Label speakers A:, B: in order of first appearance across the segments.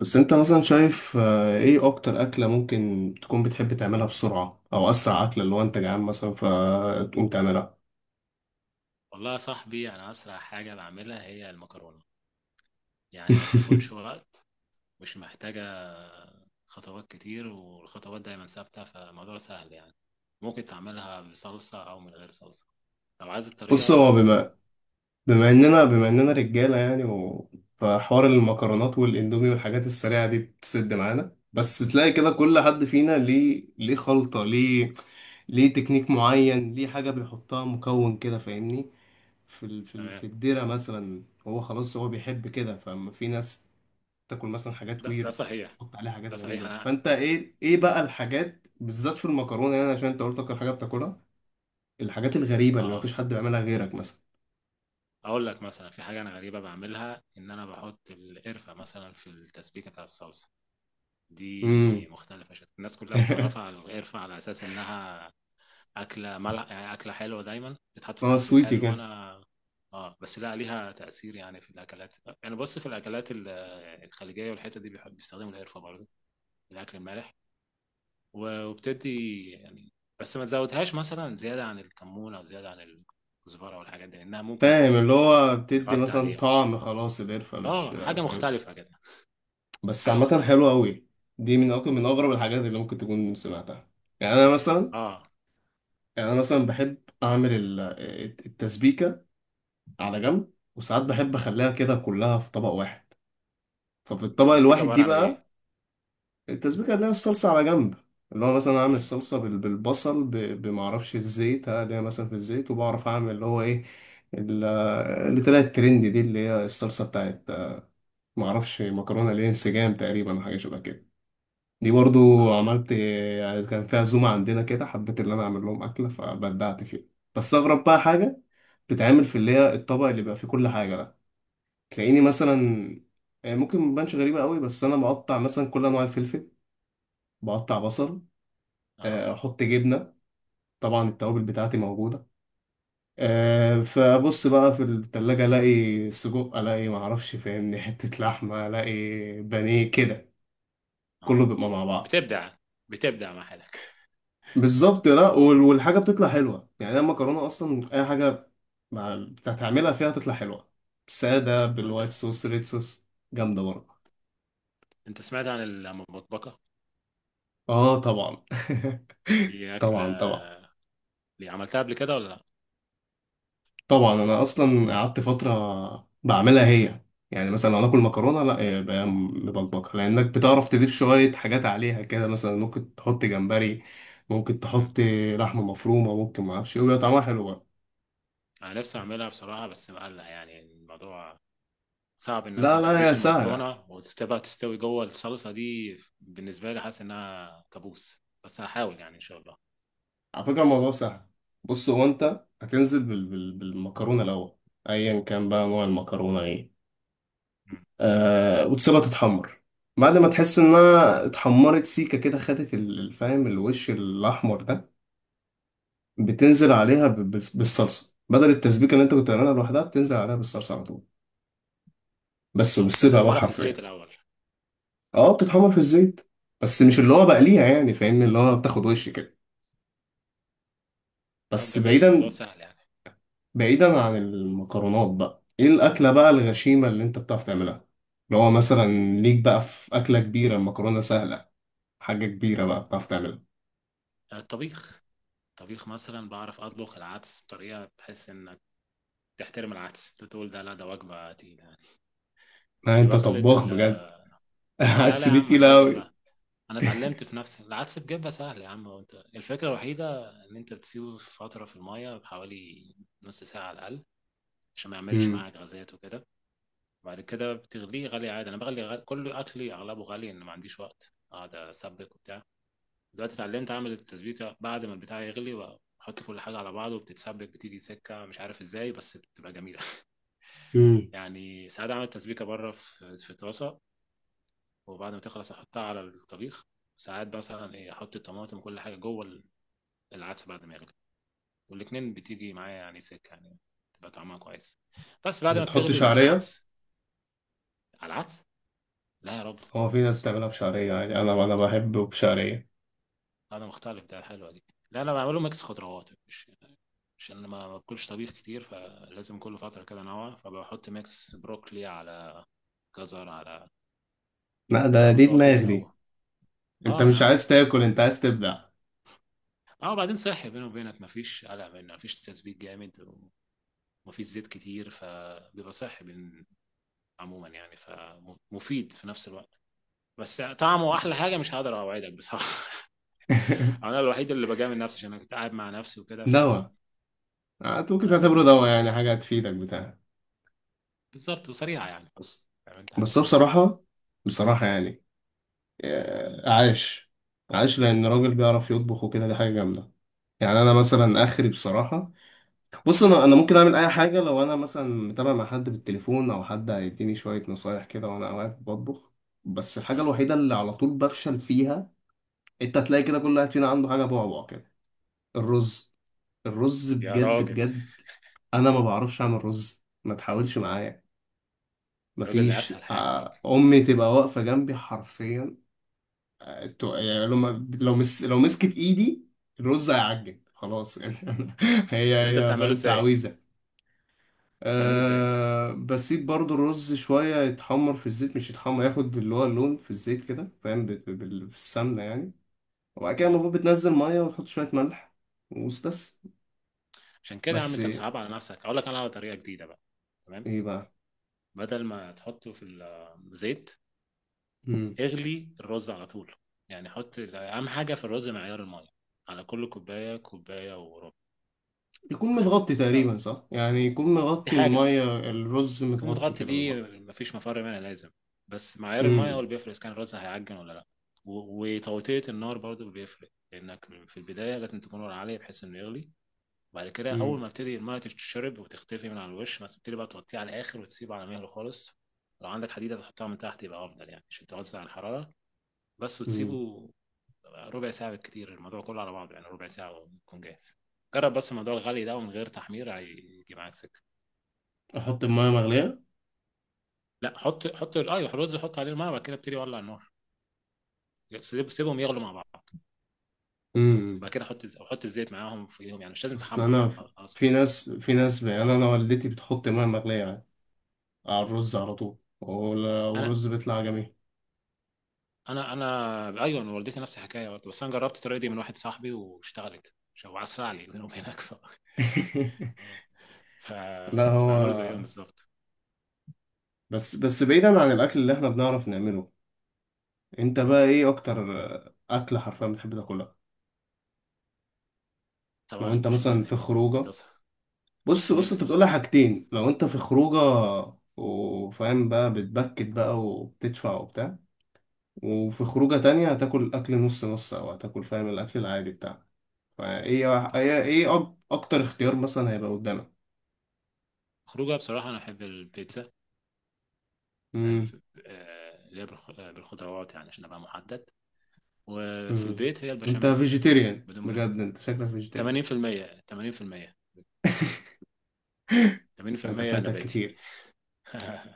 A: بس انت مثلا شايف، ايه اكتر اكلة ممكن تكون بتحب تعملها بسرعة او اسرع اكلة اللي هو انت جعان مثلا فتقوم تعملها؟
B: والله يا صاحبي انا اسرع حاجه بعملها هي المكرونه. يعني ما بتاخدش وقت. مش محتاجه خطوات كتير، والخطوات دايما ثابته فالموضوع سهل يعني. ممكن تعملها بصلصه او من غير صلصه. لو عايز
A: بص، هو
B: الطريقه.
A: بما بما اننا بما اننا رجالة يعني. فحوار المكرونات والاندومي والحاجات السريعة دي بتسد معانا، بس تلاقي كده كل حد فينا ليه خلطة، ليه تكنيك معين، ليه حاجة بيحطها مكون كده، فاهمني؟
B: تمام.
A: في الديرة مثلا هو خلاص هو بيحب كده. فما في ناس تاكل مثلا حاجات
B: ده
A: ويرد
B: صحيح.
A: تحط عليها حاجات
B: ده صحيح.
A: غريبة.
B: انا،
A: فانت ايه بقى الحاجات بالذات في المكرونة يعني، عشان انت قلت اكتر حاجة بتاكلها؟ الحاجات الغريبة اللي
B: اه،
A: مفيش حد بيعملها غيرك مثلا.
B: اقول لك مثلا في حاجه انا غريبه بعملها، ان انا بحط القرفه مثلا في التسبيكه بتاعت الصلصه.
A: امم.
B: دي مختلفه الناس كلها متعرفه على القرفه على اساس انها اكله ملح، يعني اكله حلوه دايما بتتحط في
A: اه،
B: الاكل
A: سويتي
B: الحلو،
A: كده.
B: وانا اه بس لا، ليها تاثير يعني في الاكلات. يعني بص، في الخليجيه والحته دي بيحب بيستخدموا القرفه برضه في الاكل المالح. وبتدي يعني، بس ما تزودهاش مثلا زياده عن الكمون او زياده عن الكزبره والحاجات دي، لانها ممكن
A: فاهم، اللي هو بتدي
B: تغطي
A: مثلا
B: عليهم.
A: طعم، خلاص القرفة مش.
B: اه، حاجه
A: فاهم.
B: مختلفه كده.
A: بس
B: حاجه
A: عامة
B: مختلفه.
A: حلوة أوي. دي من أكتر من أغرب الحاجات اللي ممكن تكون سمعتها. يعني أنا مثلا
B: اه،
A: يعني أنا مثلا بحب أعمل التسبيكة على جنب، وساعات بحب أخليها كده كلها في طبق واحد. ففي
B: انت
A: الطبق
B: تسبيك
A: الواحد
B: عباره
A: دي
B: عن ايه؟
A: بقى، التسبيكة اللي هي الصلصة على جنب، اللي هو مثلا أعمل
B: مم.
A: الصلصة بالبصل، بمعرفش الزيت، اللي هي مثلا في الزيت، وبعرف أعمل اللي هو إيه، ال- اللي طلعت ترند دي، اللي هي الصلصة بتاعت معرفش مكرونة، اللي هي انسجام تقريبا، حاجة شبه كده. دي برضو
B: اه.
A: عملت، يعني كان فيها عزومة عندنا كده، حبيت إن أنا أعمل لهم أكلة فبدعت فيها. بس أغرب بقى حاجة بتتعمل في اللي هي الطبق اللي بيبقى فيه كل حاجة ده، تلاقيني مثلا، يعني ممكن مبانش غريبة قوي، بس أنا بقطع مثلا كل أنواع الفلفل، بقطع بصل،
B: اه.
A: احط جبنه. طبعا التوابل بتاعتي موجوده. فبص بقى في التلاجة الاقي سجق، الاقي معرفش، فاهمني، حته لحمه، الاقي بانيه كده. كله
B: اه.
A: بيبقى مع بعض.
B: بتبدع. بتبدع مع حالك.
A: بالظبط. لا
B: اه.
A: والحاجه بتطلع حلوه يعني، أنا المكرونه اصلا اي حاجه مع بتعملها فيها تطلع حلوه. ساده،
B: طب انت،
A: بالوايت صوص، ريد صوص، جامده برضه.
B: انت سمعت عن المبكبكه؟
A: اه طبعا.
B: دي اكله
A: طبعا، طبعا.
B: اللي عملتها قبل كده ولا لا؟
A: طبعا انا اصلا قعدت فتره بعملها هي. يعني مثلا لو ناكل مكرونه لا يبقى مبكبكه، لانك بتعرف تضيف شويه حاجات عليها كده، مثلا ممكن تحط جمبري، ممكن
B: امم.
A: تحط لحمه مفرومه، ممكن ما اعرفش ويبقى طعمها حلو برضه.
B: انا نفسي اعملها بصراحه، بس مقلق يعني الموضوع. صعب انك
A: لا
B: ما
A: لا، يا
B: تغليش
A: سهله.
B: المكرونه وتسيبها تستوي جوه الصلصه دي. بالنسبه لي حاسس انها كابوس، بس هحاول يعني ان شاء الله.
A: على فكره الموضوع سهل. بص، هو انت هتنزل بالمكرونه الاول، ايا كان بقى نوع المكرونه ايه.
B: مم.
A: وتسيبها تتحمر، بعد ما تحس انها اتحمرت سيكه كده، خدت الفاهم، الوش الاحمر ده، بتنزل عليها بالصلصه، بدل التسبيكه اللي انت كنت بتعملها لوحدها، بتنزل عليها بالصلصه على طول بس.
B: اه، انت
A: وبالسبع بقى
B: بتحمرها في الزيت
A: حرفيا.
B: الاول.
A: اه، بتتحمر في الزيت، بس مش اللي هو
B: اه.
A: بقليها يعني، فاهمني، اللي هو بتاخد وش كده
B: طب
A: بس.
B: جميل، الموضوع سهل يعني.
A: بعيدا عن المكرونات بقى، ايه الاكله بقى الغشيمه اللي انت بتعرف تعملها، اللي هو مثلا، ليك بقى في اكله كبيره؟ المكرونه سهله، حاجه كبيره بقى بتعرف تعملها.
B: الطبيخ. الطبيخ مثلا بعرف اطبخ العدس بطريقه بحس انك تحترم العدس، تقول ده لا ده وجبه تقيله يعني.
A: ها،
B: يعني
A: انت
B: بخلط
A: طباخ بجد.
B: لا لا يا
A: هتسلي
B: عم، على
A: تقيله
B: قد
A: قوي.
B: والله. انا اتعلمت في نفسي العدس بجبة سهل يا عم. هو انت الفكره الوحيده ان انت بتسيبه فتره في الميه بحوالي نص ساعه على الاقل، عشان ما يعملش معاك غازات وكده. وبعد كده بتغليه غالي عادي. انا بغلي غالي. كل اكلي اغلبه غالي، ان ما عنديش وقت اقعد اسبك وبتاع. دلوقتي اتعلمت اعمل التسبيكه بعد ما البتاع يغلي، بحط كل حاجه على بعضه وبتتسبك، بتيجي سكه مش عارف ازاي بس بتبقى جميله.
A: امم.
B: يعني ساعات اعمل تسبيكه بره في طاسه، وبعد ما تخلص احطها على الطبيخ. ساعات مثلا ايه، احط الطماطم وكل حاجه جوه العدس بعد ما يغلي، والاتنين بتيجي معايا يعني سكة يعني، تبقى طعمها كويس. بس بعد ما
A: بتحط
B: بتغلي
A: شعريه؟
B: العدس. على العدس؟ لا يا راجل.
A: هو في ناس تعملها بشعرية عادي، أنا بحبه بشعرية.
B: انا مختلف، ده حلوة دي. لا، انا بعمله ميكس خضروات، مش عشان انا ما باكلش طبيخ كتير، فلازم كل فترة كده انوع. فبحط ميكس بروكلي على جزر على
A: لا ده،
B: آه
A: دي دماغ
B: بطاطس او.
A: دي. أنت
B: اه يا
A: مش
B: عم.
A: عايز تاكل، أنت عايز تبدع.
B: اه، بعدين صحي بيني وبينك، مفيش قلق منه، مفيش تسبيك جامد ومفيش زيت كتير، فبيبقى عموما يعني، فمفيد في نفس الوقت. بس طعمه احلى حاجه، مش هقدر اوعدك بصراحه. انا الوحيد اللي بجامل نفسي، عشان انا كنت قاعد مع نفسي وكده فانا
A: دواء. ممكن
B: لازم
A: تعتبره
B: اجامل
A: دواء يعني،
B: نفسي.
A: حاجة هتفيدك بتاع.
B: بالظبط، وسريعه يعني.
A: بس
B: عملت حاجه
A: بس هو
B: في الانجاز.
A: بصراحة يعني، عاش. عاش لأن راجل بيعرف يطبخ وكده دي حاجة جامدة. يعني أنا مثلا آخري بصراحة، بص، أنا ممكن أعمل أي حاجة لو أنا مثلا متابع مع حد بالتليفون، أو حد هيديني شوية نصايح كده وأنا واقف بطبخ. بس الحاجة
B: اه
A: الوحيدة اللي على طول بفشل فيها، انت هتلاقي كده كل واحد فينا عنده حاجه بعبع كده. الرز. الرز
B: يا
A: بجد
B: راجل،
A: بجد. انا ما بعرفش اعمل رز، ما تحاولش معايا.
B: الراجل ده
A: مفيش،
B: اسهل حاجه يا راجل.
A: امي تبقى واقفه جنبي حرفيا. يعني لو ما- لو مس لو مسكت ايدي الرز هيعجن خلاص يعني. هي
B: طب انت
A: هي
B: بتعمله
A: فاهم
B: ازاي؟
A: تعويذه.
B: بتعمله ازاي؟
A: أه، بسيب برضو الرز شوية يتحمر في الزيت، مش يتحمر، ياخد اللي هو اللون في الزيت كده، فاهم، بالسمنة يعني. وبعد كده
B: مم.
A: المفروض بتنزل مية وتحط شوية ملح وبس.
B: عشان كده يا عم
A: بس
B: انت مصعب على نفسك. اقول لك انا على طريقه جديده بقى. تمام.
A: ايه بقى؟
B: بدل ما تحطه في الزيت،
A: مم.
B: اغلي الرز على طول. يعني حط اهم حاجه في الرز، معيار الميه. على كل كوبايه كوبايه وربع.
A: يكون
B: تمام،
A: متغطي
B: كوبايه وربع.
A: تقريبا صح يعني، يكون
B: دي
A: مغطي،
B: حاجه
A: المية الرز
B: قمة
A: متغطي
B: غطي،
A: كده بالمية.
B: دي مفيش مفر منها، لازم. بس معيار المية هو
A: امم.
B: اللي بيفرق إذا كان الرز هيعجن ولا لأ. وتوطية النار برضو بيفرق، لأنك في البداية لازم تكون نار عالية بحيث إنه يغلي. بعد كده أول
A: امم.
B: ما تبتدي المية تتشرب وتختفي من على الوش، ما تبتدي بقى توطيه على الآخر وتسيبه على مهله خالص. لو عندك حديدة تحطها من تحت يبقى أفضل يعني، عشان توزع الحرارة. بس
A: امم.
B: وتسيبه ربع ساعة بالكتير. الموضوع كله على بعضه يعني ربع ساعة ويكون جاهز. جرب بس موضوع الغلي ده، ومن غير تحمير هيجي معاك سكة.
A: احط المية مغلية؟
B: لا، حط ايوه، الرز حط عليه الميه، وبعد كده ابتدي ولع النار. سيبهم يغلوا مع بعض.
A: امم.
B: بعد كده حط الزيت معاهم فيهم يعني، مش لازم
A: اصل
B: تحمر
A: انا
B: اقصد
A: في
B: يعني.
A: ناس في ناس يعني، انا والدتي بتحط مية مغلية على الرز على طول،
B: انا
A: والرز بيطلع جميل.
B: انا ايوه، انا والدتي نفس الحكايه برضه، بس انا جربت الطريقه دي من واحد صاحبي واشتغلت شو اسرع لي منهم هناك
A: لا هو،
B: فبعمله زيهم بالظبط.
A: بس بعيدا عن الاكل اللي احنا بنعرف نعمله، انت بقى ايه اكتر اكلة حرفيا بتحب تاكلها لو
B: طبعا
A: انت مثلا
B: البشاميل
A: في
B: دي ما
A: خروجه؟
B: مقدسها.
A: بص، بص
B: البشاميل
A: انت
B: طبعا.
A: بتقولها حاجتين، لو انت في خروجه وفاهم بقى بتبكت بقى وبتدفع وبتاع، وفي خروجه تانية هتاكل اكل نص نص، او هتاكل فاهم الاكل العادي بتاعك.
B: بخ-
A: ايه اكتر اختيار مثلا هيبقى قدامك؟
B: خروجها بصراحه انا احب البيتزا. تمام
A: امم.
B: آه، اللي هي آه، بالخضروات يعني عشان ابقى محدد. وفي
A: امم.
B: البيت هي
A: انت
B: البشاميل.
A: فيجيتيريان
B: بدون
A: بجد،
B: منازع.
A: انت شكلك فيجيتيريان.
B: 80% 80%
A: انت
B: 80%
A: فايتك
B: نباتي.
A: كتير.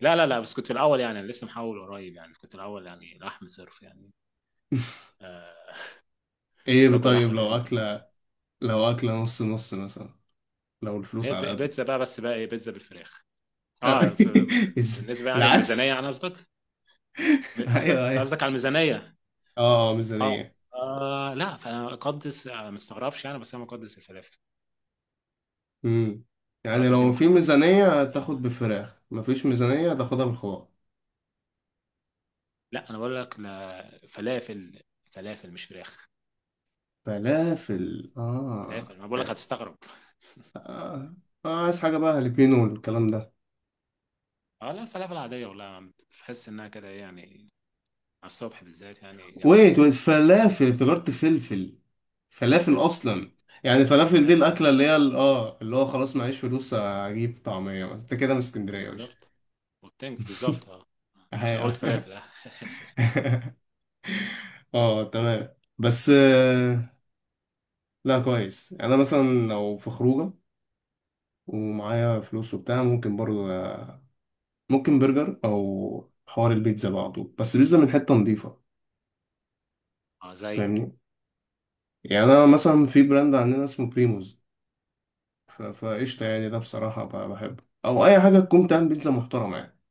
B: لا لا لا، بس كنت في الاول يعني. أنا لسه محول قريب يعني، كنت الاول يعني لحم صرف يعني. آه. كنت
A: ايه
B: باكل
A: طيب،
B: لحمه تقريبا كل يوم.
A: لو اكله نص نص مثلا، لو
B: هي
A: الفلوس على قد.
B: البيتزا بقى. بس بقى ايه، بيتزا بالفراخ. اه
A: إز-
B: بالنسبه يعني، الميزانيه
A: العكس.
B: يعني قصدك؟
A: ايوه،
B: قصدك انت
A: ايوه.
B: قصدك على الميزانيه.
A: اه،
B: اه.
A: ميزانية.
B: آه لا، فانا اقدس آه، ما استغربش يعني، بس انا مقدس الفلافل.
A: امم. يعني
B: الفلافل دي
A: لو في
B: مقدسه.
A: ميزانية
B: مقدسه
A: تاخد
B: عندي.
A: بفراخ، مفيش ميزانية تاخدها بالخضار.
B: لا انا بقول لك، لا فلافل. فلافل مش فراخ.
A: فلافل. آه.
B: فلافل، ما بقول لك هتستغرب.
A: آه. عايز حاجة بقى هالبينو والكلام ده.
B: اه لا، الفلافل العادية والله يا عم تحس انها كده ايه يعني، على الصبح بالذات يعني جامدة.
A: ويت، ويت، فلافل افتكرت فلفل.
B: لا
A: فلافل
B: فلافل.
A: أصلا. يعني فلافل دي
B: فلافل اه.
A: الأكلة اللي هي اللي هو خلاص معيش فلوس أجيب طعمية. بس أنت كده من اسكندرية يا باشا.
B: بالظبط، والتنج بالظبط اه. عشان قلت
A: أهي.
B: فلافل اه.
A: اه تمام. بس، لا كويس يعني، أنا مثلا لو في خروجة ومعايا فلوس وبتاع ممكن برضه، ممكن برجر او حوار البيتزا بعضه، بس بيتزا من حته نظيفه
B: اه زي
A: فاهمني. يعني انا مثلا في براند عندنا اسمه بريموز، فقشطه يعني ده بصراحه، بحبه، او اي حاجه تكون بتعمل بيتزا محترمه يعني.